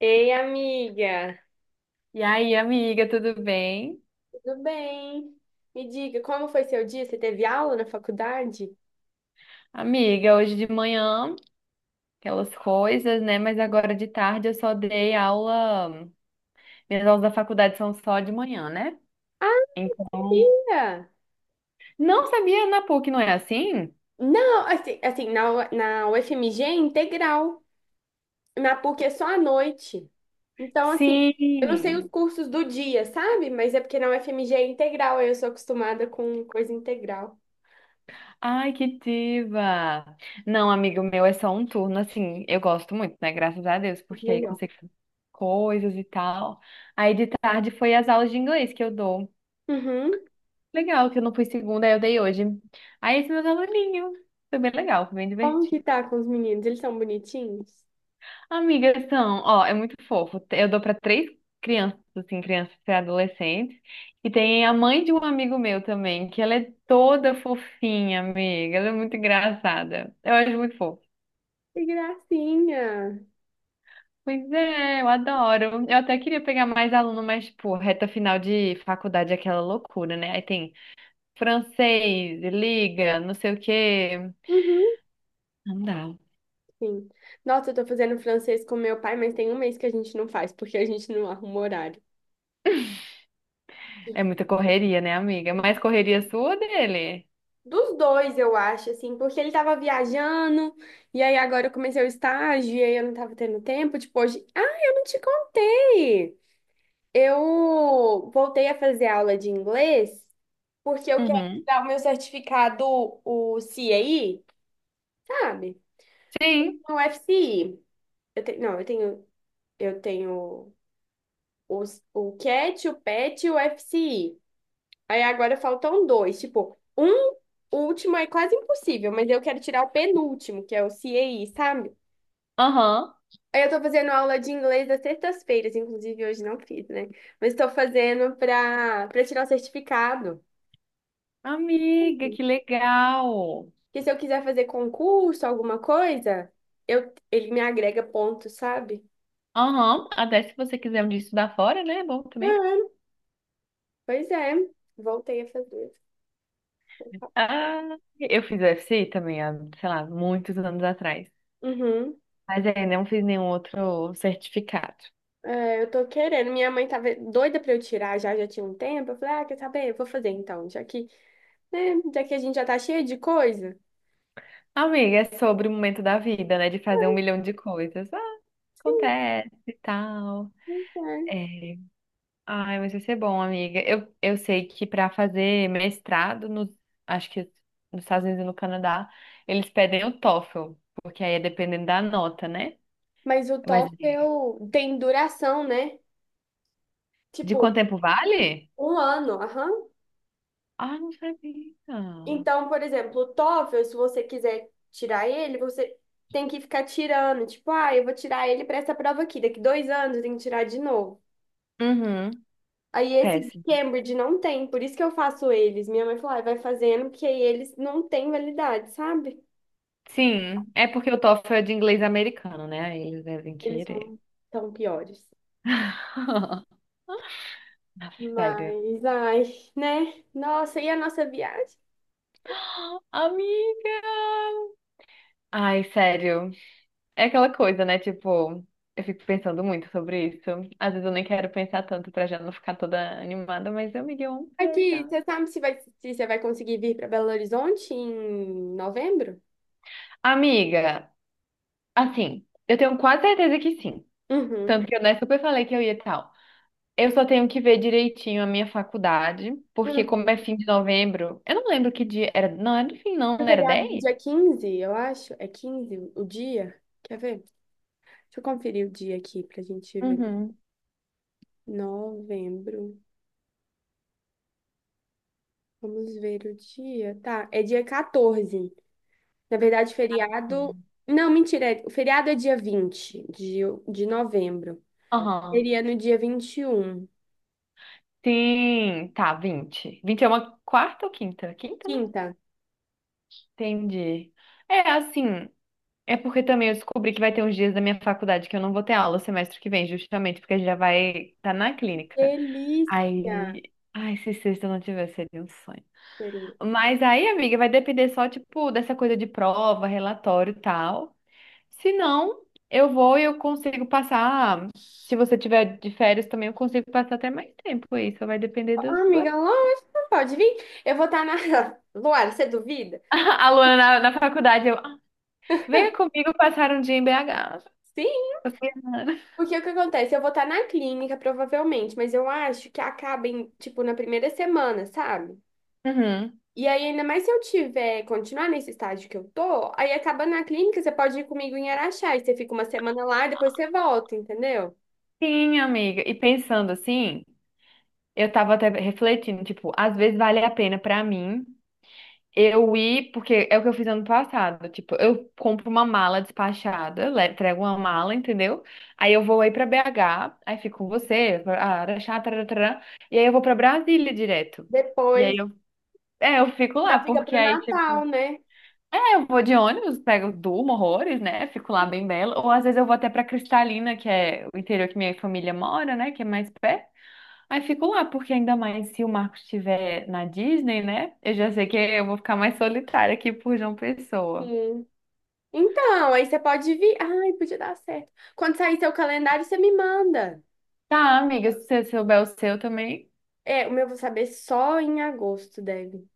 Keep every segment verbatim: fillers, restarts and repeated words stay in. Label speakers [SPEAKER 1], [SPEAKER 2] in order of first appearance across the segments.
[SPEAKER 1] Ei, amiga,
[SPEAKER 2] E aí, amiga, tudo bem?
[SPEAKER 1] tudo bem? Me diga, como foi seu dia? Você teve aula na faculdade?
[SPEAKER 2] Amiga, hoje de manhã, aquelas coisas, né? Mas agora de tarde eu só dei aula. Minhas aulas da faculdade são só de manhã, né?
[SPEAKER 1] Ah,
[SPEAKER 2] Então,
[SPEAKER 1] amiga!
[SPEAKER 2] não sabia na PUC, não é assim?
[SPEAKER 1] Não, assim, assim, na, U- na U F M G é integral, na PUC é só à noite. Então, assim, eu não sei os
[SPEAKER 2] Sim!
[SPEAKER 1] cursos do dia, sabe? Mas é porque na U F M G é integral, aí eu sou acostumada com coisa integral.
[SPEAKER 2] Ai, que diva! Não, amigo meu, é só um turno, assim, eu gosto muito, né? Graças a Deus, porque aí
[SPEAKER 1] Melhor.
[SPEAKER 2] consigo fazer coisas e tal. Aí de tarde foi as aulas de inglês que eu dou.
[SPEAKER 1] Uhum.
[SPEAKER 2] Legal, que eu não fui segunda, aí eu dei hoje. Aí esse meus aluninhos. Foi bem legal, foi bem
[SPEAKER 1] Como que
[SPEAKER 2] divertido.
[SPEAKER 1] tá com os meninos? Eles são bonitinhos?
[SPEAKER 2] Amigas são, ó, é muito fofo. Eu dou pra três crianças, assim, crianças e adolescentes. E tem a mãe de um amigo meu também, que ela é toda fofinha, amiga. Ela é muito engraçada. Eu acho muito fofo.
[SPEAKER 1] Que gracinha!
[SPEAKER 2] Pois é, eu adoro. Eu até queria pegar mais aluno, mas, tipo, reta final de faculdade é aquela loucura, né? Aí tem francês, liga, não sei o quê.
[SPEAKER 1] Uhum.
[SPEAKER 2] Não dá.
[SPEAKER 1] Sim. Nossa, eu tô fazendo francês com meu pai, mas tem um mês que a gente não faz, porque a gente não arruma horário.
[SPEAKER 2] É muita correria, né, amiga? É. Mais correria sua ou dele?
[SPEAKER 1] Dos dois, eu acho, assim, porque ele tava viajando, e aí agora eu comecei o estágio, e aí eu não tava tendo tempo, tipo, hoje... Ah, eu não te contei! Eu voltei a fazer aula de inglês, porque eu quero
[SPEAKER 2] Uhum.
[SPEAKER 1] tirar o meu certificado, o cai, sabe?
[SPEAKER 2] Sim.
[SPEAKER 1] O F C I. Eu te... Não, eu tenho... Eu tenho... Os, o cat, o PET e o F C I. Aí agora faltam dois. Tipo, um último é quase impossível, mas eu quero tirar o penúltimo, que é o cai, sabe?
[SPEAKER 2] Aham.
[SPEAKER 1] Aí eu tô fazendo aula de inglês às sextas-feiras, inclusive hoje não fiz, né? Mas tô fazendo pra, pra tirar o certificado.
[SPEAKER 2] Amiga, que legal.
[SPEAKER 1] Que se eu quiser fazer concurso, alguma coisa, eu, ele me agrega pontos, sabe?
[SPEAKER 2] Aham. Até se você quiser um dia estudar fora, né? É bom também.
[SPEAKER 1] Uhum. Pois é, voltei a fazer.
[SPEAKER 2] Ah, eu fiz U F C também, há, sei lá, muitos anos atrás.
[SPEAKER 1] Uhum.
[SPEAKER 2] Mas ainda não fiz nenhum outro certificado.
[SPEAKER 1] É, eu tô querendo. Minha mãe tava doida pra eu tirar já, já tinha um tempo. Eu falei, ah, quer saber? Eu vou fazer então, já que né? Já que a gente já tá cheio de coisa.
[SPEAKER 2] Amiga, é sobre o momento da vida, né? De fazer um milhão de coisas. Ah,
[SPEAKER 1] Sim,
[SPEAKER 2] acontece e tal.
[SPEAKER 1] pois é.
[SPEAKER 2] É. Ai, mas vai ser bom, amiga. Eu, eu sei que para fazer mestrado, no, acho que nos Estados Unidos e no Canadá, eles pedem o TOEFL, porque aí é dependendo da nota, né?
[SPEAKER 1] Mas o
[SPEAKER 2] Mas de
[SPEAKER 1] TOEFL tem duração, né?
[SPEAKER 2] de
[SPEAKER 1] Tipo,
[SPEAKER 2] quanto tempo vale?
[SPEAKER 1] um ano, aham.
[SPEAKER 2] Ah, não sabia.
[SPEAKER 1] Então, por exemplo, o TOEFL, se você quiser tirar ele, você tem que ficar tirando. Tipo, ah, eu vou tirar ele para essa prova aqui. Daqui dois anos eu tenho que tirar de novo.
[SPEAKER 2] Uhum,
[SPEAKER 1] Aí esse de
[SPEAKER 2] péssimo.
[SPEAKER 1] Cambridge não tem, por isso que eu faço eles. Minha mãe falou, ah, vai fazendo, porque aí eles não têm validade, sabe?
[SPEAKER 2] Sim, é porque o TOEFL é de inglês americano, né? Aí eles devem
[SPEAKER 1] Eles
[SPEAKER 2] querer.
[SPEAKER 1] são tão piores.
[SPEAKER 2] Sério.
[SPEAKER 1] Mas, ai, né? Nossa, e a nossa viagem?
[SPEAKER 2] Amiga! Ai, sério. É aquela coisa, né? Tipo, eu fico pensando muito sobre isso. Às vezes eu nem quero pensar tanto pra já não ficar toda animada, mas amiga, eu amo
[SPEAKER 1] Aqui,
[SPEAKER 2] viajar.
[SPEAKER 1] você sabe se vai, se você vai conseguir vir para Belo Horizonte em novembro?
[SPEAKER 2] Amiga, assim, eu tenho quase certeza que sim.
[SPEAKER 1] Uhum.
[SPEAKER 2] Tanto que eu, né, super falei que eu ia e tal. Eu só tenho que ver direitinho a minha faculdade, porque
[SPEAKER 1] Uhum.
[SPEAKER 2] como é fim de novembro, eu não lembro que dia era. Não, era do fim, não,
[SPEAKER 1] É
[SPEAKER 2] não era
[SPEAKER 1] feriado do
[SPEAKER 2] dez?
[SPEAKER 1] dia quinze eu acho. É quinze o o dia? Quer ver? Deixa eu conferir o dia aqui pra gente ver.
[SPEAKER 2] Uhum.
[SPEAKER 1] Novembro. Vamos ver o dia. Tá, é dia catorze. Na verdade, feriado. Não, mentira. é- O feriado é dia vinte de, de novembro.
[SPEAKER 2] Aham.
[SPEAKER 1] Seria no dia vinte e um.
[SPEAKER 2] Sim, tá, vinte. Vinte é uma quarta ou quinta? Quinta, né?
[SPEAKER 1] Quinta.
[SPEAKER 2] Entendi. É assim. É porque também eu descobri que vai ter uns dias da minha faculdade que eu não vou ter aula semestre que vem, justamente porque já vai estar na clínica.
[SPEAKER 1] Delícia,
[SPEAKER 2] Aí, ai, se sexta eu não tiver, seria um sonho.
[SPEAKER 1] querida.
[SPEAKER 2] Mas aí, amiga, vai depender só, tipo, dessa coisa de prova, relatório e tal. Se não, eu vou e eu consigo passar. Se você tiver de férias também, eu consigo passar até mais tempo aí, só vai depender do
[SPEAKER 1] Ah,
[SPEAKER 2] sua.
[SPEAKER 1] amiga, lógico, pode vir. Eu vou estar na. Luara, você duvida?
[SPEAKER 2] A Luana na, na faculdade, eu, "Ah, venha comigo passar um dia em B H.
[SPEAKER 1] Sim, porque o que acontece? Eu vou estar na clínica, provavelmente, mas eu acho que acaba em, tipo, na primeira semana, sabe?
[SPEAKER 2] Uhum.
[SPEAKER 1] E aí, ainda mais se eu tiver, continuar nesse estágio que eu tô, aí acabando na clínica, você pode ir comigo em Araxá, e você fica uma semana lá e depois você volta, entendeu?
[SPEAKER 2] Sim, amiga. E pensando assim, eu tava até refletindo, tipo, às vezes vale a pena pra mim eu ir, porque é o que eu fiz ano passado, tipo, eu compro uma mala despachada, le- entrego uma mala, entendeu? Aí eu vou aí pra B H, aí fico com você, ah, Araxá, tarará, e aí eu vou pra Brasília direto. E aí
[SPEAKER 1] Depois
[SPEAKER 2] eu, é, eu fico lá,
[SPEAKER 1] já fica
[SPEAKER 2] porque
[SPEAKER 1] pro
[SPEAKER 2] aí, tipo,
[SPEAKER 1] Natal, né?
[SPEAKER 2] é, eu vou de ônibus, pego, durmo horrores, né? Fico lá bem bela. Ou às vezes eu vou até pra Cristalina, que é o interior que minha família mora, né? Que é mais perto. Aí fico lá, porque ainda mais se o Marcos estiver na Disney, né? Eu já sei que eu vou ficar mais solitária aqui por João Pessoa.
[SPEAKER 1] Sim. Então, aí você pode vir. Ai, podia dar certo. Quando sair seu calendário, você me manda.
[SPEAKER 2] Tá, amiga, se você souber o seu também.
[SPEAKER 1] É, o meu eu vou saber só em agosto, deve.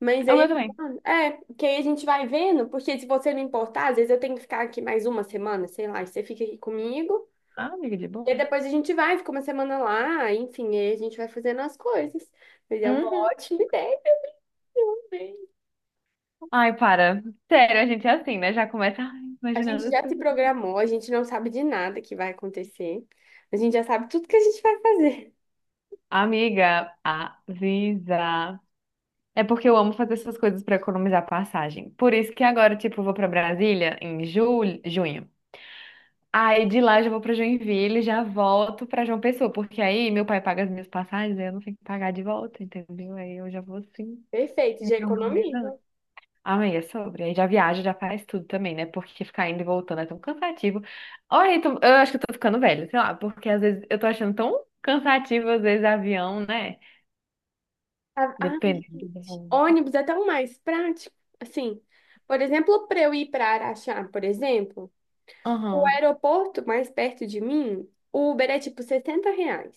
[SPEAKER 1] Mas
[SPEAKER 2] O meu
[SPEAKER 1] aí,
[SPEAKER 2] também.
[SPEAKER 1] é, que aí a gente vai vendo, porque se você não importar, às vezes eu tenho que ficar aqui mais uma semana, sei lá, e você fica aqui comigo.
[SPEAKER 2] Ah, amiga, de
[SPEAKER 1] E aí
[SPEAKER 2] boa.
[SPEAKER 1] depois a gente vai, fica uma semana lá, enfim, aí a gente vai fazendo as coisas. Mas é uma
[SPEAKER 2] Uhum.
[SPEAKER 1] ótima ideia, eu amei.
[SPEAKER 2] Ai, para. Sério, a gente é assim, né? Já começa, ai,
[SPEAKER 1] A gente
[SPEAKER 2] imaginando
[SPEAKER 1] já
[SPEAKER 2] tudo.
[SPEAKER 1] se programou, a gente não sabe de nada que vai acontecer. A gente já sabe tudo que a gente vai fazer.
[SPEAKER 2] Amiga, avisa. É porque eu amo fazer essas coisas pra economizar passagem. Por isso que agora, tipo, eu vou pra Brasília em julho, junho. Aí de lá eu já vou para Joinville, e já volto para João Pessoa, porque aí meu pai paga as minhas passagens, aí eu não tenho que pagar de volta, entendeu? Aí eu já vou assim,
[SPEAKER 1] Perfeito,
[SPEAKER 2] me
[SPEAKER 1] já economiza.
[SPEAKER 2] organizando. Amanhã é sobre. Aí já viaja, já faz tudo também, né? Porque ficar indo e voltando é tão cansativo. Olha, eu eu acho que eu tô ficando velha, sei lá, porque às vezes eu tô achando tão cansativo, às vezes, avião, né?
[SPEAKER 1] Ah, ai,
[SPEAKER 2] Dependendo do
[SPEAKER 1] gente.
[SPEAKER 2] voo.
[SPEAKER 1] Ônibus é tão mais prático. Assim, por exemplo, para eu ir para Araxá, por exemplo, o
[SPEAKER 2] Aham,
[SPEAKER 1] aeroporto mais perto de mim, o Uber é tipo sessenta reais.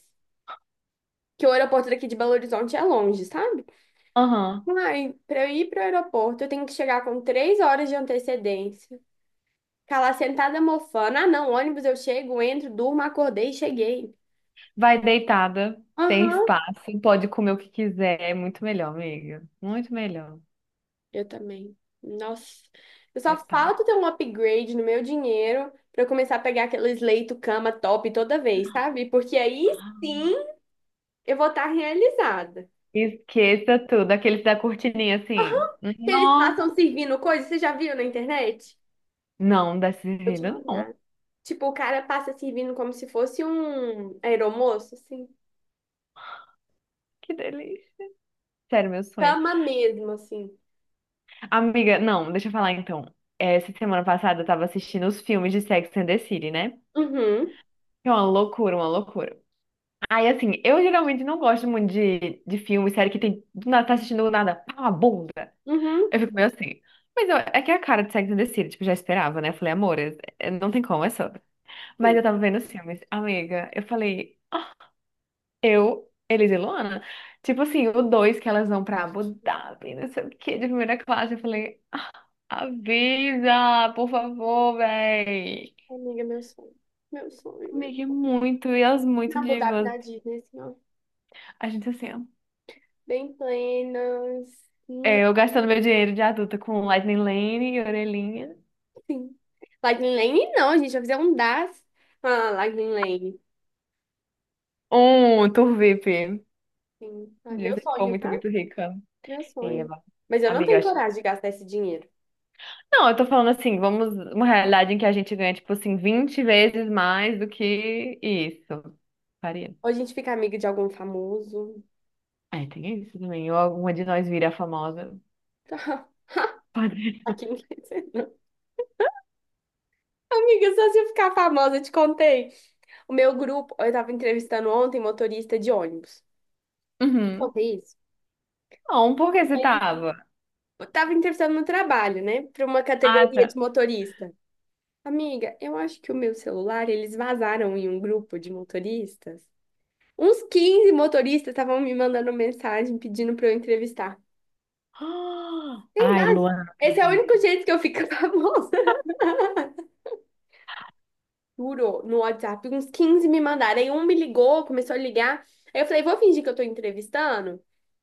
[SPEAKER 1] Que o aeroporto daqui de Belo Horizonte é longe, sabe?
[SPEAKER 2] aham.
[SPEAKER 1] Ai, para eu ir para o aeroporto, eu tenho que chegar com três horas de antecedência. Ficar lá sentada mofando. Ah, não, ônibus eu chego, entro, durmo, acordei e cheguei.
[SPEAKER 2] Vai deitada, tem
[SPEAKER 1] Aham,
[SPEAKER 2] espaço, pode comer o que quiser, é muito melhor, amiga. Muito melhor.
[SPEAKER 1] eu também. Nossa, eu
[SPEAKER 2] É
[SPEAKER 1] só
[SPEAKER 2] pai.
[SPEAKER 1] falta ter um upgrade no meu dinheiro pra eu começar a pegar aqueles leito cama top toda vez, sabe? Porque aí sim eu vou estar realizada.
[SPEAKER 2] Esqueça tudo, aqueles da cortininha assim.
[SPEAKER 1] Que eles
[SPEAKER 2] Nossa!
[SPEAKER 1] passam servindo coisa, você já viu na internet?
[SPEAKER 2] Não, dá
[SPEAKER 1] Vou te
[SPEAKER 2] vida não.
[SPEAKER 1] mandar. Tipo, o cara passa servindo como se fosse um aeromoço, assim.
[SPEAKER 2] Que delícia. Sério, meu sonho.
[SPEAKER 1] Cama mesmo, assim.
[SPEAKER 2] Amiga, não, deixa eu falar então. Essa semana passada eu tava assistindo os filmes de Sex and the City, né?
[SPEAKER 1] Uhum,
[SPEAKER 2] É uma loucura, uma loucura. Aí, assim, eu geralmente não gosto muito de, de filme, série que tem. Do nada, tá assistindo do nada, pá, uma bunda.
[SPEAKER 1] uhum.
[SPEAKER 2] Eu fico meio assim. Mas eu- é que é a cara de Sex and the City, tipo, já esperava, né? Eu falei, amor, é- é- não tem como, é só. Mas
[SPEAKER 1] Sim.
[SPEAKER 2] eu tava vendo os filmes. Amiga, eu falei. Eu, Elisa e Luana, tipo assim, o dois que elas vão pra Abu Dhabi, não sei o quê, de primeira classe, eu falei, avisa, por favor, véi.
[SPEAKER 1] Amiga, meu sonho. Meu sonho, meu
[SPEAKER 2] Amiga, é
[SPEAKER 1] sonho.
[SPEAKER 2] muito, e elas muito
[SPEAKER 1] Na Abu Dhabi,
[SPEAKER 2] divas.
[SPEAKER 1] na Disney, assim, ó.
[SPEAKER 2] A gente assim, ó,
[SPEAKER 1] Bem plenas.
[SPEAKER 2] é, eu gastando meu dinheiro de adulta com Lightning Lane e orelhinha.
[SPEAKER 1] Sim. Lightning Lane não, gente. Já fizeram um das. Ah, Lightning Lane.
[SPEAKER 2] Um, Tour V I P.
[SPEAKER 1] Sim. Ai, meu
[SPEAKER 2] Diz que foi
[SPEAKER 1] sonho,
[SPEAKER 2] muito,
[SPEAKER 1] tá?
[SPEAKER 2] muito rica.
[SPEAKER 1] Meu sonho.
[SPEAKER 2] Eba.
[SPEAKER 1] Mas eu não
[SPEAKER 2] Amiga, eu
[SPEAKER 1] tenho
[SPEAKER 2] acho.
[SPEAKER 1] coragem de gastar esse dinheiro.
[SPEAKER 2] Não, eu tô falando assim, vamos, uma realidade em que a gente ganha, tipo assim, vinte vezes mais do que isso. Faria.
[SPEAKER 1] Ou a gente fica amiga de algum famoso.
[SPEAKER 2] É, tem isso também. Ou alguma de nós vira famosa. Pode.
[SPEAKER 1] Aqui não quer dizer, não. Amiga, só se eu ficar famosa, eu te contei. O meu grupo, eu tava entrevistando ontem motorista de ônibus.
[SPEAKER 2] Uhum.
[SPEAKER 1] Contei isso?
[SPEAKER 2] Não, por que você
[SPEAKER 1] Aí,
[SPEAKER 2] tava?
[SPEAKER 1] eu tava entrevistando no trabalho, né? Pra uma
[SPEAKER 2] Ah,
[SPEAKER 1] categoria
[SPEAKER 2] tá.
[SPEAKER 1] de motorista. Amiga, eu acho que o meu celular, eles vazaram em um grupo de motoristas. Uns quinze motoristas estavam me mandando mensagem pedindo para eu entrevistar.
[SPEAKER 2] Ah,
[SPEAKER 1] Tem
[SPEAKER 2] Ai,
[SPEAKER 1] mais?
[SPEAKER 2] Luana, não
[SPEAKER 1] Esse é o único
[SPEAKER 2] acredito.
[SPEAKER 1] jeito que eu fico famosa. Juro, no WhatsApp, uns quinze me mandaram. Aí um me ligou, começou a ligar. Aí eu falei, vou fingir que eu tô entrevistando.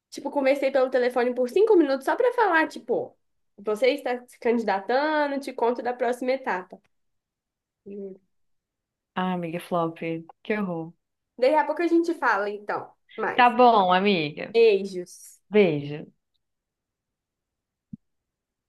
[SPEAKER 1] Tipo, conversei pelo telefone por cinco minutos só pra falar, tipo, você está se candidatando, te conto da próxima etapa. Juro.
[SPEAKER 2] Ai, amiga, flop. Que horror.
[SPEAKER 1] Daí a pouco a gente fala, então. Mais.
[SPEAKER 2] Tá bom, amiga.
[SPEAKER 1] Beijos.
[SPEAKER 2] Beijo.